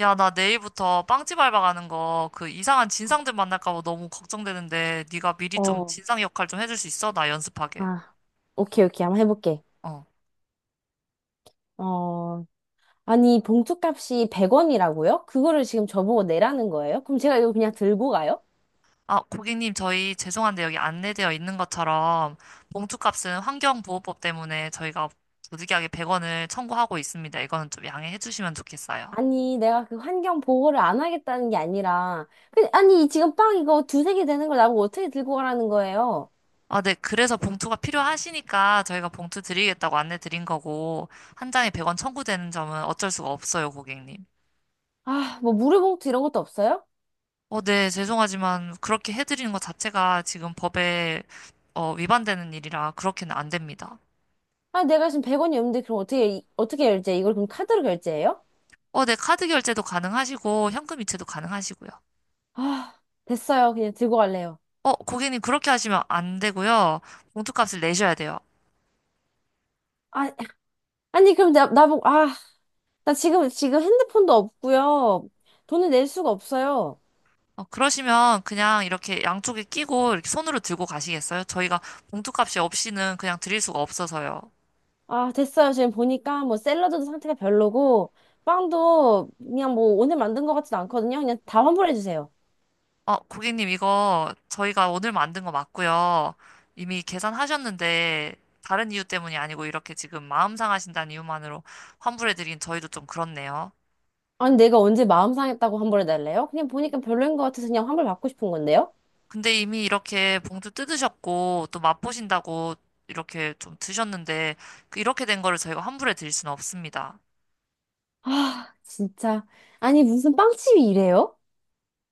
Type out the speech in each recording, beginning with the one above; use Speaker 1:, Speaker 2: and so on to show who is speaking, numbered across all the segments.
Speaker 1: 야, 나 내일부터 빵집 알바 가는 거 그 이상한 진상들 만날까 봐 너무 걱정되는데 네가 미리 좀
Speaker 2: 어,
Speaker 1: 진상 역할 좀 해줄 수 있어? 나 연습하게.
Speaker 2: 아, 오케이, 오케이. 한번 해볼게.
Speaker 1: 어.
Speaker 2: 어, 아니, 봉투값이 100원이라고요? 그거를 지금 저보고 내라는 거예요? 그럼 제가 이거 그냥 들고 가요?
Speaker 1: 아, 고객님, 저희 죄송한데 여기 안내되어 있는 것처럼 봉투값은 환경보호법 때문에 저희가 부득이하게 100원을 청구하고 있습니다. 이거는 좀 양해해 주시면 좋겠어요.
Speaker 2: 아니, 내가 그 환경 보호를 안 하겠다는 게 아니라, 그, 아니, 지금 빵 이거 두세 개 되는 걸 나보고 어떻게 들고 가라는 거예요?
Speaker 1: 아, 네. 그래서 봉투가 필요하시니까 저희가 봉투 드리겠다고 안내 드린 거고 한 장에 100원 청구되는 점은 어쩔 수가 없어요, 고객님.
Speaker 2: 아, 뭐 물회봉투 이런 것도 없어요?
Speaker 1: 어, 네, 죄송하지만 그렇게 해드리는 것 자체가 지금 법에 위반되는 일이라 그렇게는 안 됩니다.
Speaker 2: 아, 내가 지금 100원이 없는데 그럼 어떻게, 어떻게 결제? 이걸 그럼 카드로 결제해요?
Speaker 1: 어, 네, 카드 결제도 가능하시고 현금 이체도 가능하시고요.
Speaker 2: 아, 됐어요. 그냥 들고 갈래요.
Speaker 1: 어, 고객님 그렇게 하시면 안 되고요. 봉투값을 내셔야 돼요.
Speaker 2: 아, 아니, 그럼 나보고, 아. 나 지금 핸드폰도 없고요. 돈을 낼 수가 없어요.
Speaker 1: 어, 그러시면 그냥 이렇게 양쪽에 끼고 이렇게 손으로 들고 가시겠어요? 저희가 봉투값이 없이는 그냥 드릴 수가 없어서요.
Speaker 2: 아, 됐어요. 지금 보니까 뭐 샐러드도 상태가 별로고, 빵도 그냥 뭐 오늘 만든 것 같지도 않거든요. 그냥 다 환불해주세요.
Speaker 1: 어, 고객님, 이거 저희가 오늘 만든 거 맞고요. 이미 계산하셨는데, 다른 이유 때문이 아니고 이렇게 지금 마음 상하신다는 이유만으로 환불해드린 저희도 좀 그렇네요.
Speaker 2: 아니, 내가 언제 마음 상했다고 환불해달래요? 그냥 보니까 별로인 것 같아서 그냥 환불 받고 싶은 건데요?
Speaker 1: 근데 이미 이렇게 봉투 뜯으셨고, 또 맛보신다고 이렇게 좀 드셨는데, 그 이렇게 된 거를 저희가 환불해드릴 수는 없습니다.
Speaker 2: 아, 진짜. 아니, 무슨 빵집이 이래요?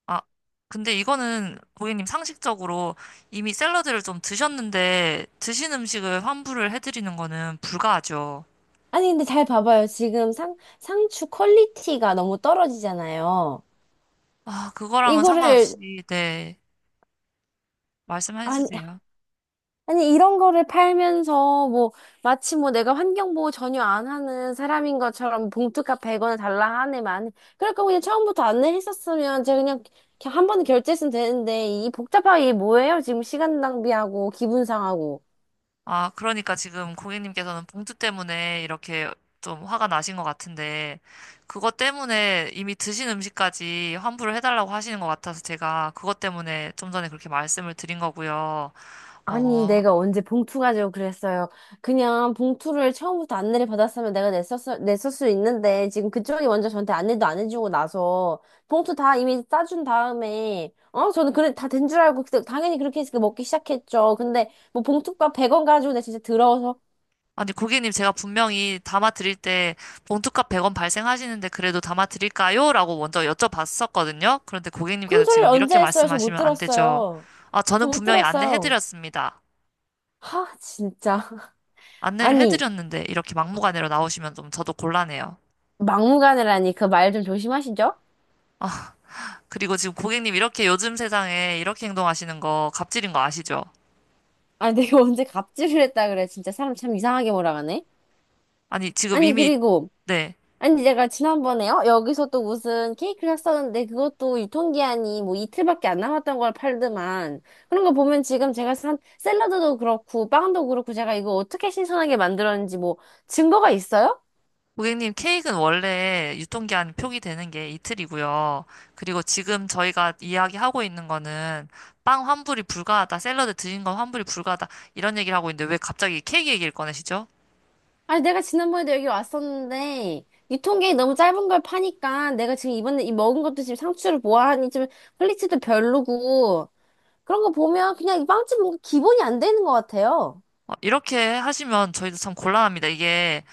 Speaker 1: 아, 근데 이거는 고객님 상식적으로 이미 샐러드를 좀 드셨는데, 드신 음식을 환불을 해드리는 거는 불가하죠.
Speaker 2: 아니, 근데 잘 봐봐요. 지금 상추 퀄리티가 너무 떨어지잖아요.
Speaker 1: 아, 그거랑은
Speaker 2: 이거를,
Speaker 1: 상관없이, 네. 말씀해 주세요.
Speaker 2: 아니, 이런 거를 팔면서, 뭐, 마치 뭐 내가 환경보호 전혀 안 하는 사람인 것처럼 봉투값 100원을 달라 하네, 많이. 그럴 거면 그냥 처음부터 안내했었으면 제가 그냥, 그냥 한 번에 결제했으면 되는데, 이 복잡하게 이게 뭐예요? 지금 시간 낭비하고, 기분 상하고.
Speaker 1: 아, 그러니까 지금 고객님께서는 봉투 때문에 이렇게 좀 화가 나신 것 같은데, 그것 때문에 이미 드신 음식까지 환불을 해달라고 하시는 것 같아서 제가 그것 때문에 좀 전에 그렇게 말씀을 드린 거고요.
Speaker 2: 아니,
Speaker 1: 어,
Speaker 2: 내가 언제 봉투 가지고 그랬어요. 그냥 봉투를 처음부터 안내를 받았으면 내가 냈을 수 있는데, 지금 그쪽이 먼저 저한테 안내도 안 해주고 나서, 봉투 다 이미 싸준 다음에, 어, 저는 그래, 다 된 줄 알고, 그때 당연히 그렇게 해서 먹기 시작했죠. 근데, 뭐, 봉투값 100원 가지고 내가 진짜 더러워서,
Speaker 1: 아니, 고객님 제가 분명히 담아드릴 때 봉투값 100원 발생하시는데 그래도 담아드릴까요? 라고 먼저 여쭤봤었거든요. 그런데 고객님께서
Speaker 2: 그런 소리를
Speaker 1: 지금
Speaker 2: 언제
Speaker 1: 이렇게
Speaker 2: 했어요? 저 못
Speaker 1: 말씀하시면 안 되죠.
Speaker 2: 들었어요.
Speaker 1: 아,
Speaker 2: 저
Speaker 1: 저는
Speaker 2: 못
Speaker 1: 분명히
Speaker 2: 들었어요.
Speaker 1: 안내해드렸습니다.
Speaker 2: 하, 진짜.
Speaker 1: 안내를
Speaker 2: 아니,
Speaker 1: 해드렸는데 이렇게 막무가내로 나오시면 좀 저도 곤란해요.
Speaker 2: 막무가내라니, 그 말 좀 조심하시죠?
Speaker 1: 아, 그리고 지금 고객님 이렇게 요즘 세상에 이렇게 행동하시는 거 갑질인 거 아시죠?
Speaker 2: 아니, 내가 언제 갑질을 했다 그래. 진짜 사람 참 이상하게 몰아가네.
Speaker 1: 아니, 지금
Speaker 2: 아니,
Speaker 1: 이미,
Speaker 2: 그리고,
Speaker 1: 네.
Speaker 2: 아니, 제가 지난번에, 요 여기서 또 무슨 케이크를 샀었는데, 그것도 유통기한이 뭐 이틀밖에 안 남았던 걸 팔더만. 그런 거 보면 지금 제가 산 샐러드도 그렇고, 빵도 그렇고, 제가 이거 어떻게 신선하게 만들었는지 뭐, 증거가 있어요?
Speaker 1: 고객님 케이크는 원래 유통기한 표기되는 게 이틀이고요. 그리고 지금 저희가 이야기하고 있는 거는 빵 환불이 불가하다, 샐러드 드신 건 환불이 불가하다, 이런 얘기를 하고 있는데 왜 갑자기 케이크 얘기를 꺼내시죠?
Speaker 2: 아니, 내가 지난번에도 여기 왔었는데, 유통기한이 너무 짧은 걸 파니까, 내가 지금 이번에 이 먹은 것도 지금 상추를 보아하니 좀 퀄리티도 별로고, 그런 거 보면 그냥 이 빵집 뭔가 기본이 안 되는 것 같아요.
Speaker 1: 어, 이렇게 하시면 저희도 참 곤란합니다. 이게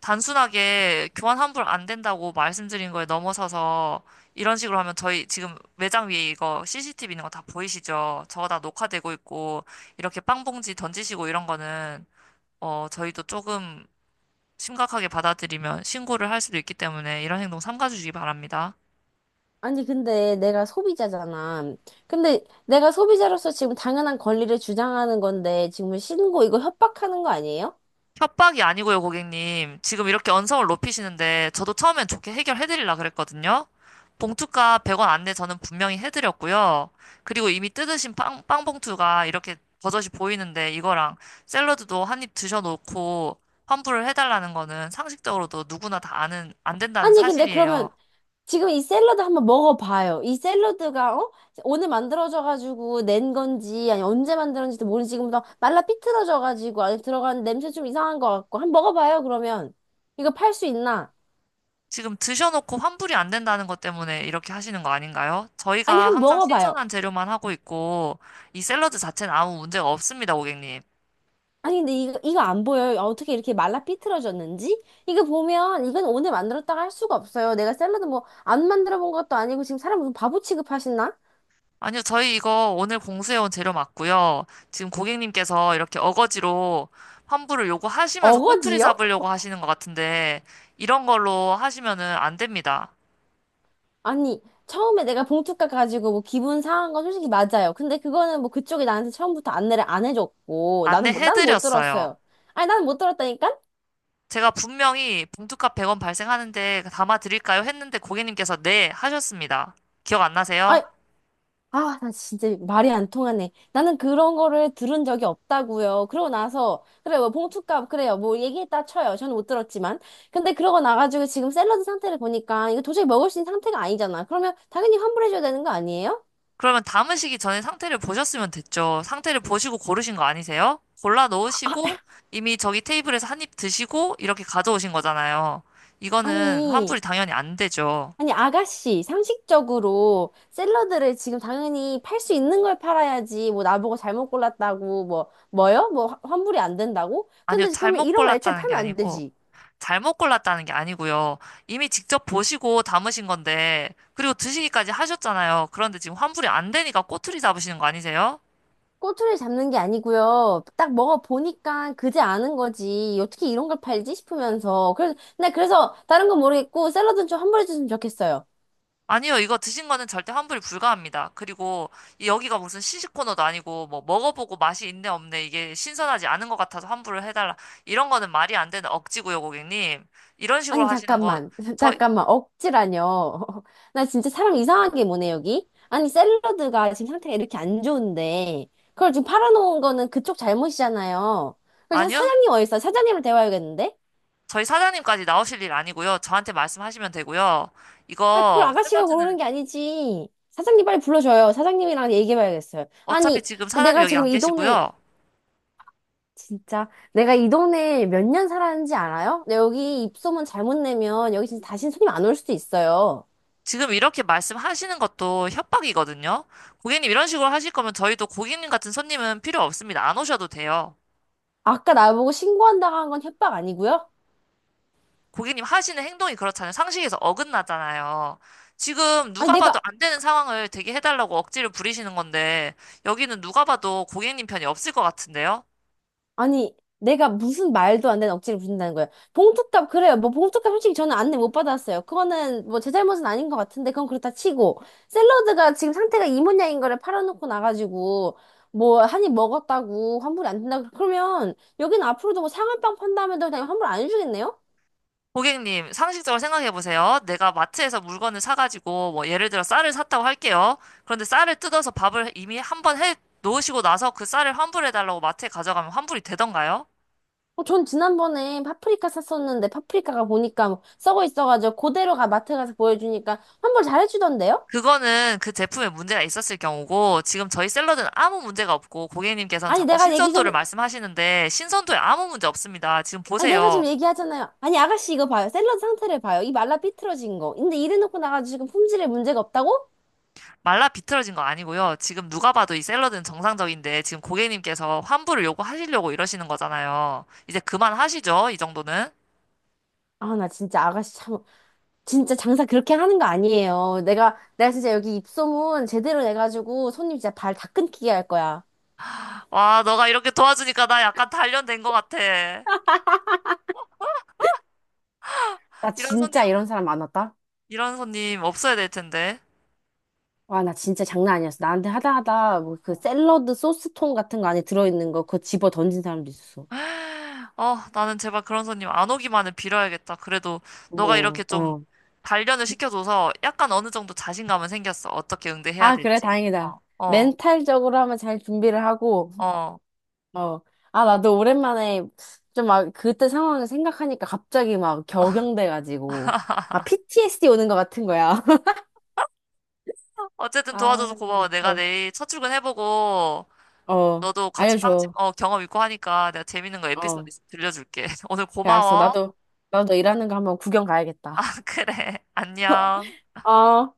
Speaker 1: 단순하게 교환 환불 안 된다고 말씀드린 거에 넘어서서 이런 식으로 하면 저희 지금 매장 위에 이거 CCTV 있는 거 다 보이시죠? 저거 다 녹화되고 있고 이렇게 빵봉지 던지시고 이런 거는 저희도 조금 심각하게 받아들이면 신고를 할 수도 있기 때문에 이런 행동 삼가주시기 바랍니다.
Speaker 2: 아니, 근데 내가 소비자잖아. 근데 내가 소비자로서 지금 당연한 권리를 주장하는 건데, 지금 신고 이거 협박하는 거 아니에요?
Speaker 1: 협박이 아니고요, 고객님. 지금 이렇게 언성을 높이시는데 저도 처음엔 좋게 해결해드리려 그랬거든요. 봉투가 100원 안내 저는 분명히 해드렸고요. 그리고 이미 뜯으신 빵, 빵 봉투가 이렇게 버젓이 보이는데 이거랑 샐러드도 한 입 드셔놓고 환불을 해달라는 거는 상식적으로도 누구나 다 아는, 안 된다는
Speaker 2: 아니, 근데 그러면
Speaker 1: 사실이에요.
Speaker 2: 지금 이 샐러드 한번 먹어봐요. 이 샐러드가, 어? 오늘 만들어져가지고 낸 건지, 아니, 언제 만들었는지도 모르지. 지금 막 말라 삐뚤어져가지고 안에 들어간 냄새 좀 이상한 것 같고. 한번 먹어봐요, 그러면. 이거 팔 수 있나?
Speaker 1: 지금 드셔놓고 환불이 안 된다는 것 때문에 이렇게 하시는 거 아닌가요?
Speaker 2: 아니,
Speaker 1: 저희가
Speaker 2: 한번
Speaker 1: 항상
Speaker 2: 먹어봐요.
Speaker 1: 신선한 재료만 하고 있고 이 샐러드 자체는 아무 문제가 없습니다, 고객님.
Speaker 2: 아니 근데 이거 안 보여요. 아, 어떻게 이렇게 말라 삐뚤어졌는지? 이거 보면 이건 오늘 만들었다가 할 수가 없어요. 내가 샐러드 뭐 안 만들어 본 것도 아니고 지금 사람 무슨 바보 취급하시나?
Speaker 1: 아니요, 저희 이거 오늘 공수해온 재료 맞고요. 지금 고객님께서 이렇게 어거지로 환불을 요구하시면서 꼬투리
Speaker 2: 어거지요?
Speaker 1: 잡으려고 하시는 것 같은데, 이런 걸로 하시면은 안 됩니다.
Speaker 2: 아니 처음에 내가 봉투 깎가지고 뭐 기분 상한 건 솔직히 맞아요. 근데 그거는 뭐 그쪽이 나한테 처음부터 안내를 안 해줬고 나는 나는 못
Speaker 1: 안내해드렸어요.
Speaker 2: 들었어요. 아니 나는 못 들었다니까?
Speaker 1: 제가 분명히 봉투값 100원 발생하는데 담아드릴까요? 했는데 고객님께서 네, 하셨습니다. 기억 안 나세요?
Speaker 2: 아, 나 진짜 말이 안 통하네. 나는 그런 거를 들은 적이 없다고요. 그러고 나서 그래요. 봉투값 그래요. 뭐 얘기했다 쳐요. 저는 못 들었지만. 근데 그러고 나가지고 지금 샐러드 상태를 보니까 이거 도저히 먹을 수 있는 상태가 아니잖아. 그러면 당연히 환불해줘야 되는 거 아니에요?
Speaker 1: 그러면 담으시기 전에 상태를 보셨으면 됐죠. 상태를 보시고 고르신 거 아니세요? 골라 놓으시고
Speaker 2: 아,
Speaker 1: 이미 저기 테이블에서 한입 드시고 이렇게 가져오신 거잖아요. 이거는
Speaker 2: 아니.
Speaker 1: 환불이 당연히 안 되죠.
Speaker 2: 아니, 아가씨, 상식적으로 샐러드를 지금 당연히 팔 수 있는 걸 팔아야지. 뭐, 나보고 잘못 골랐다고, 뭐, 뭐요? 뭐, 환불이 안 된다고?
Speaker 1: 아니요,
Speaker 2: 근데 그러면 이런 거 애초에 팔면 안 되지.
Speaker 1: 잘못 골랐다는 게 아니고요. 이미 직접 보시고 담으신 건데, 그리고 드시기까지 하셨잖아요. 그런데 지금 환불이 안 되니까 꼬투리 잡으시는 거 아니세요?
Speaker 2: 꼬투리 잡는 게 아니고요. 딱 먹어보니까 그지 않은 거지. 어떻게 이런 걸 팔지 싶으면서. 그래서, 나 그래서 다른 건 모르겠고 샐러드는 좀 환불해 줬으면 좋겠어요.
Speaker 1: 아니요, 이거 드신 거는 절대 환불이 불가합니다. 그리고 여기가 무슨 시식 코너도 아니고 뭐 먹어보고 맛이 있네 없네 이게 신선하지 않은 것 같아서 환불을 해달라 이런 거는 말이 안 되는 억지고요, 고객님. 이런 식으로
Speaker 2: 아니
Speaker 1: 하시는 거
Speaker 2: 잠깐만.
Speaker 1: 저희
Speaker 2: 잠깐만. 억지라뇨. 나 진짜 사람 이상하게 뭐네 여기. 아니 샐러드가 지금 상태가 이렇게 안 좋은데 그걸 지금 팔아놓은 거는 그쪽 잘못이잖아요. 그래서
Speaker 1: 아니요,
Speaker 2: 사장님 어디 있어요? 사장님을 대화해야겠는데?
Speaker 1: 저희 사장님까지 나오실 일 아니고요. 저한테 말씀하시면 되고요.
Speaker 2: 아 그걸
Speaker 1: 이거
Speaker 2: 아가씨가
Speaker 1: 샐러드는
Speaker 2: 고르는 게 아니지. 사장님 빨리 불러줘요. 사장님이랑 얘기해봐야겠어요.
Speaker 1: 어차피
Speaker 2: 아니
Speaker 1: 지금 사장님
Speaker 2: 내가
Speaker 1: 여기
Speaker 2: 지금
Speaker 1: 안
Speaker 2: 이 동네
Speaker 1: 계시고요.
Speaker 2: 진짜 내가 이 동네에 몇 년 살았는지 알아요? 내 여기 입소문 잘못 내면 여기 진짜 다신 손님 안 올 수도 있어요.
Speaker 1: 지금 이렇게 말씀하시는 것도 협박이거든요. 고객님 이런 식으로 하실 거면 저희도 고객님 같은 손님은 필요 없습니다. 안 오셔도 돼요.
Speaker 2: 아까 나보고 신고한다고 한 건 협박 아니고요?
Speaker 1: 고객님 하시는 행동이 그렇잖아요. 상식에서 어긋나잖아요. 지금
Speaker 2: 아니
Speaker 1: 누가
Speaker 2: 내가
Speaker 1: 봐도 안 되는 상황을 되게 해달라고 억지를 부리시는 건데, 여기는 누가 봐도 고객님 편이 없을 것 같은데요?
Speaker 2: 아니 내가 무슨 말도 안 되는 억지를 부린다는 거예요. 봉투값 그래요. 뭐 봉투값 솔직히 저는 안내 못 받았어요. 그거는 뭐 제 잘못은 아닌 것 같은데 그건 그렇다 치고 샐러드가 지금 상태가 이 모양인 거를 팔아놓고 나가지고 뭐 한입 먹었다고 환불이 안 된다 그러면 여기는 앞으로도 뭐 상한빵 판다면 그냥 환불 안 해주겠네요?
Speaker 1: 고객님, 상식적으로 생각해 보세요. 내가 마트에서 물건을 사가지고, 뭐, 예를 들어 쌀을 샀다고 할게요. 그런데 쌀을 뜯어서 밥을 이미 한 번 해 놓으시고 나서 그 쌀을 환불해 달라고 마트에 가져가면 환불이 되던가요?
Speaker 2: 어, 전 지난번에 파프리카 샀었는데 파프리카가 보니까 뭐 썩어 있어가지고 그대로가 마트 가서 보여주니까 환불 잘해주던데요?
Speaker 1: 그거는 그 제품에 문제가 있었을 경우고, 지금 저희 샐러드는 아무 문제가 없고, 고객님께서는
Speaker 2: 아니
Speaker 1: 자꾸
Speaker 2: 내가 얘기
Speaker 1: 신선도를
Speaker 2: 전
Speaker 1: 말씀하시는데, 신선도에 아무 문제 없습니다. 지금
Speaker 2: 아니 내가
Speaker 1: 보세요.
Speaker 2: 지금 얘기하잖아요. 아니 아가씨 이거 봐요. 샐러드 상태를 봐요. 이 말라 삐뚤어진 거. 근데 이래놓고 나가지고 지금 품질에 문제가 없다고?
Speaker 1: 말라 비틀어진 거 아니고요. 지금 누가 봐도 이 샐러드는 정상적인데, 지금 고객님께서 환불을 요구하시려고 이러시는 거잖아요. 이제 그만하시죠, 이 정도는.
Speaker 2: 아 나 진짜 아가씨 참 진짜 장사 그렇게 하는 거 아니에요. 내가 진짜 여기 입소문 제대로 내가지고 손님 진짜 발 다 끊기게 할 거야.
Speaker 1: 와, 너가 이렇게 도와주니까 나 약간 단련된 것 같아.
Speaker 2: 나
Speaker 1: 이런 손님,
Speaker 2: 진짜 이런 사람 많았다.
Speaker 1: 이런 손님 없어야 될 텐데.
Speaker 2: 와, 나 진짜 장난 아니었어. 나한테 하다 하다 뭐 그 샐러드 소스통 같은 거 안에 들어있는 거 그거 집어 던진 사람도 있었어.
Speaker 1: 아, 나는 제발 그런 손님 안 오기만을 빌어야겠다. 그래도 너가 이렇게
Speaker 2: 뭐,
Speaker 1: 좀
Speaker 2: 어.
Speaker 1: 단련을 시켜줘서 약간 어느 정도 자신감은 생겼어. 어떻게 응대해야
Speaker 2: 아, 그래,
Speaker 1: 될지.
Speaker 2: 다행이다.
Speaker 1: 어, 어,
Speaker 2: 멘탈적으로 하면 잘 준비를 하고,
Speaker 1: 어.
Speaker 2: 어. 아, 나도 오랜만에 좀 막 그때 상황을 생각하니까 갑자기 막 격양돼가지고, 막 PTSD 오는 것 같은 거야.
Speaker 1: 어쨌든 도와줘서
Speaker 2: 아,
Speaker 1: 고마워. 내가
Speaker 2: 미쳐.
Speaker 1: 내일 첫 출근해보고
Speaker 2: 어,
Speaker 1: 너도 같이 빵집
Speaker 2: 알려줘.
Speaker 1: 경험 있고 하니까 내가 재밌는 거 에피소드
Speaker 2: 어.
Speaker 1: 있으면 들려줄게. 오늘
Speaker 2: 그래, 알았어.
Speaker 1: 고마워.
Speaker 2: 나도 일하는 거 한번 구경
Speaker 1: 아,
Speaker 2: 가야겠다.
Speaker 1: 그래. 안녕.
Speaker 2: 어.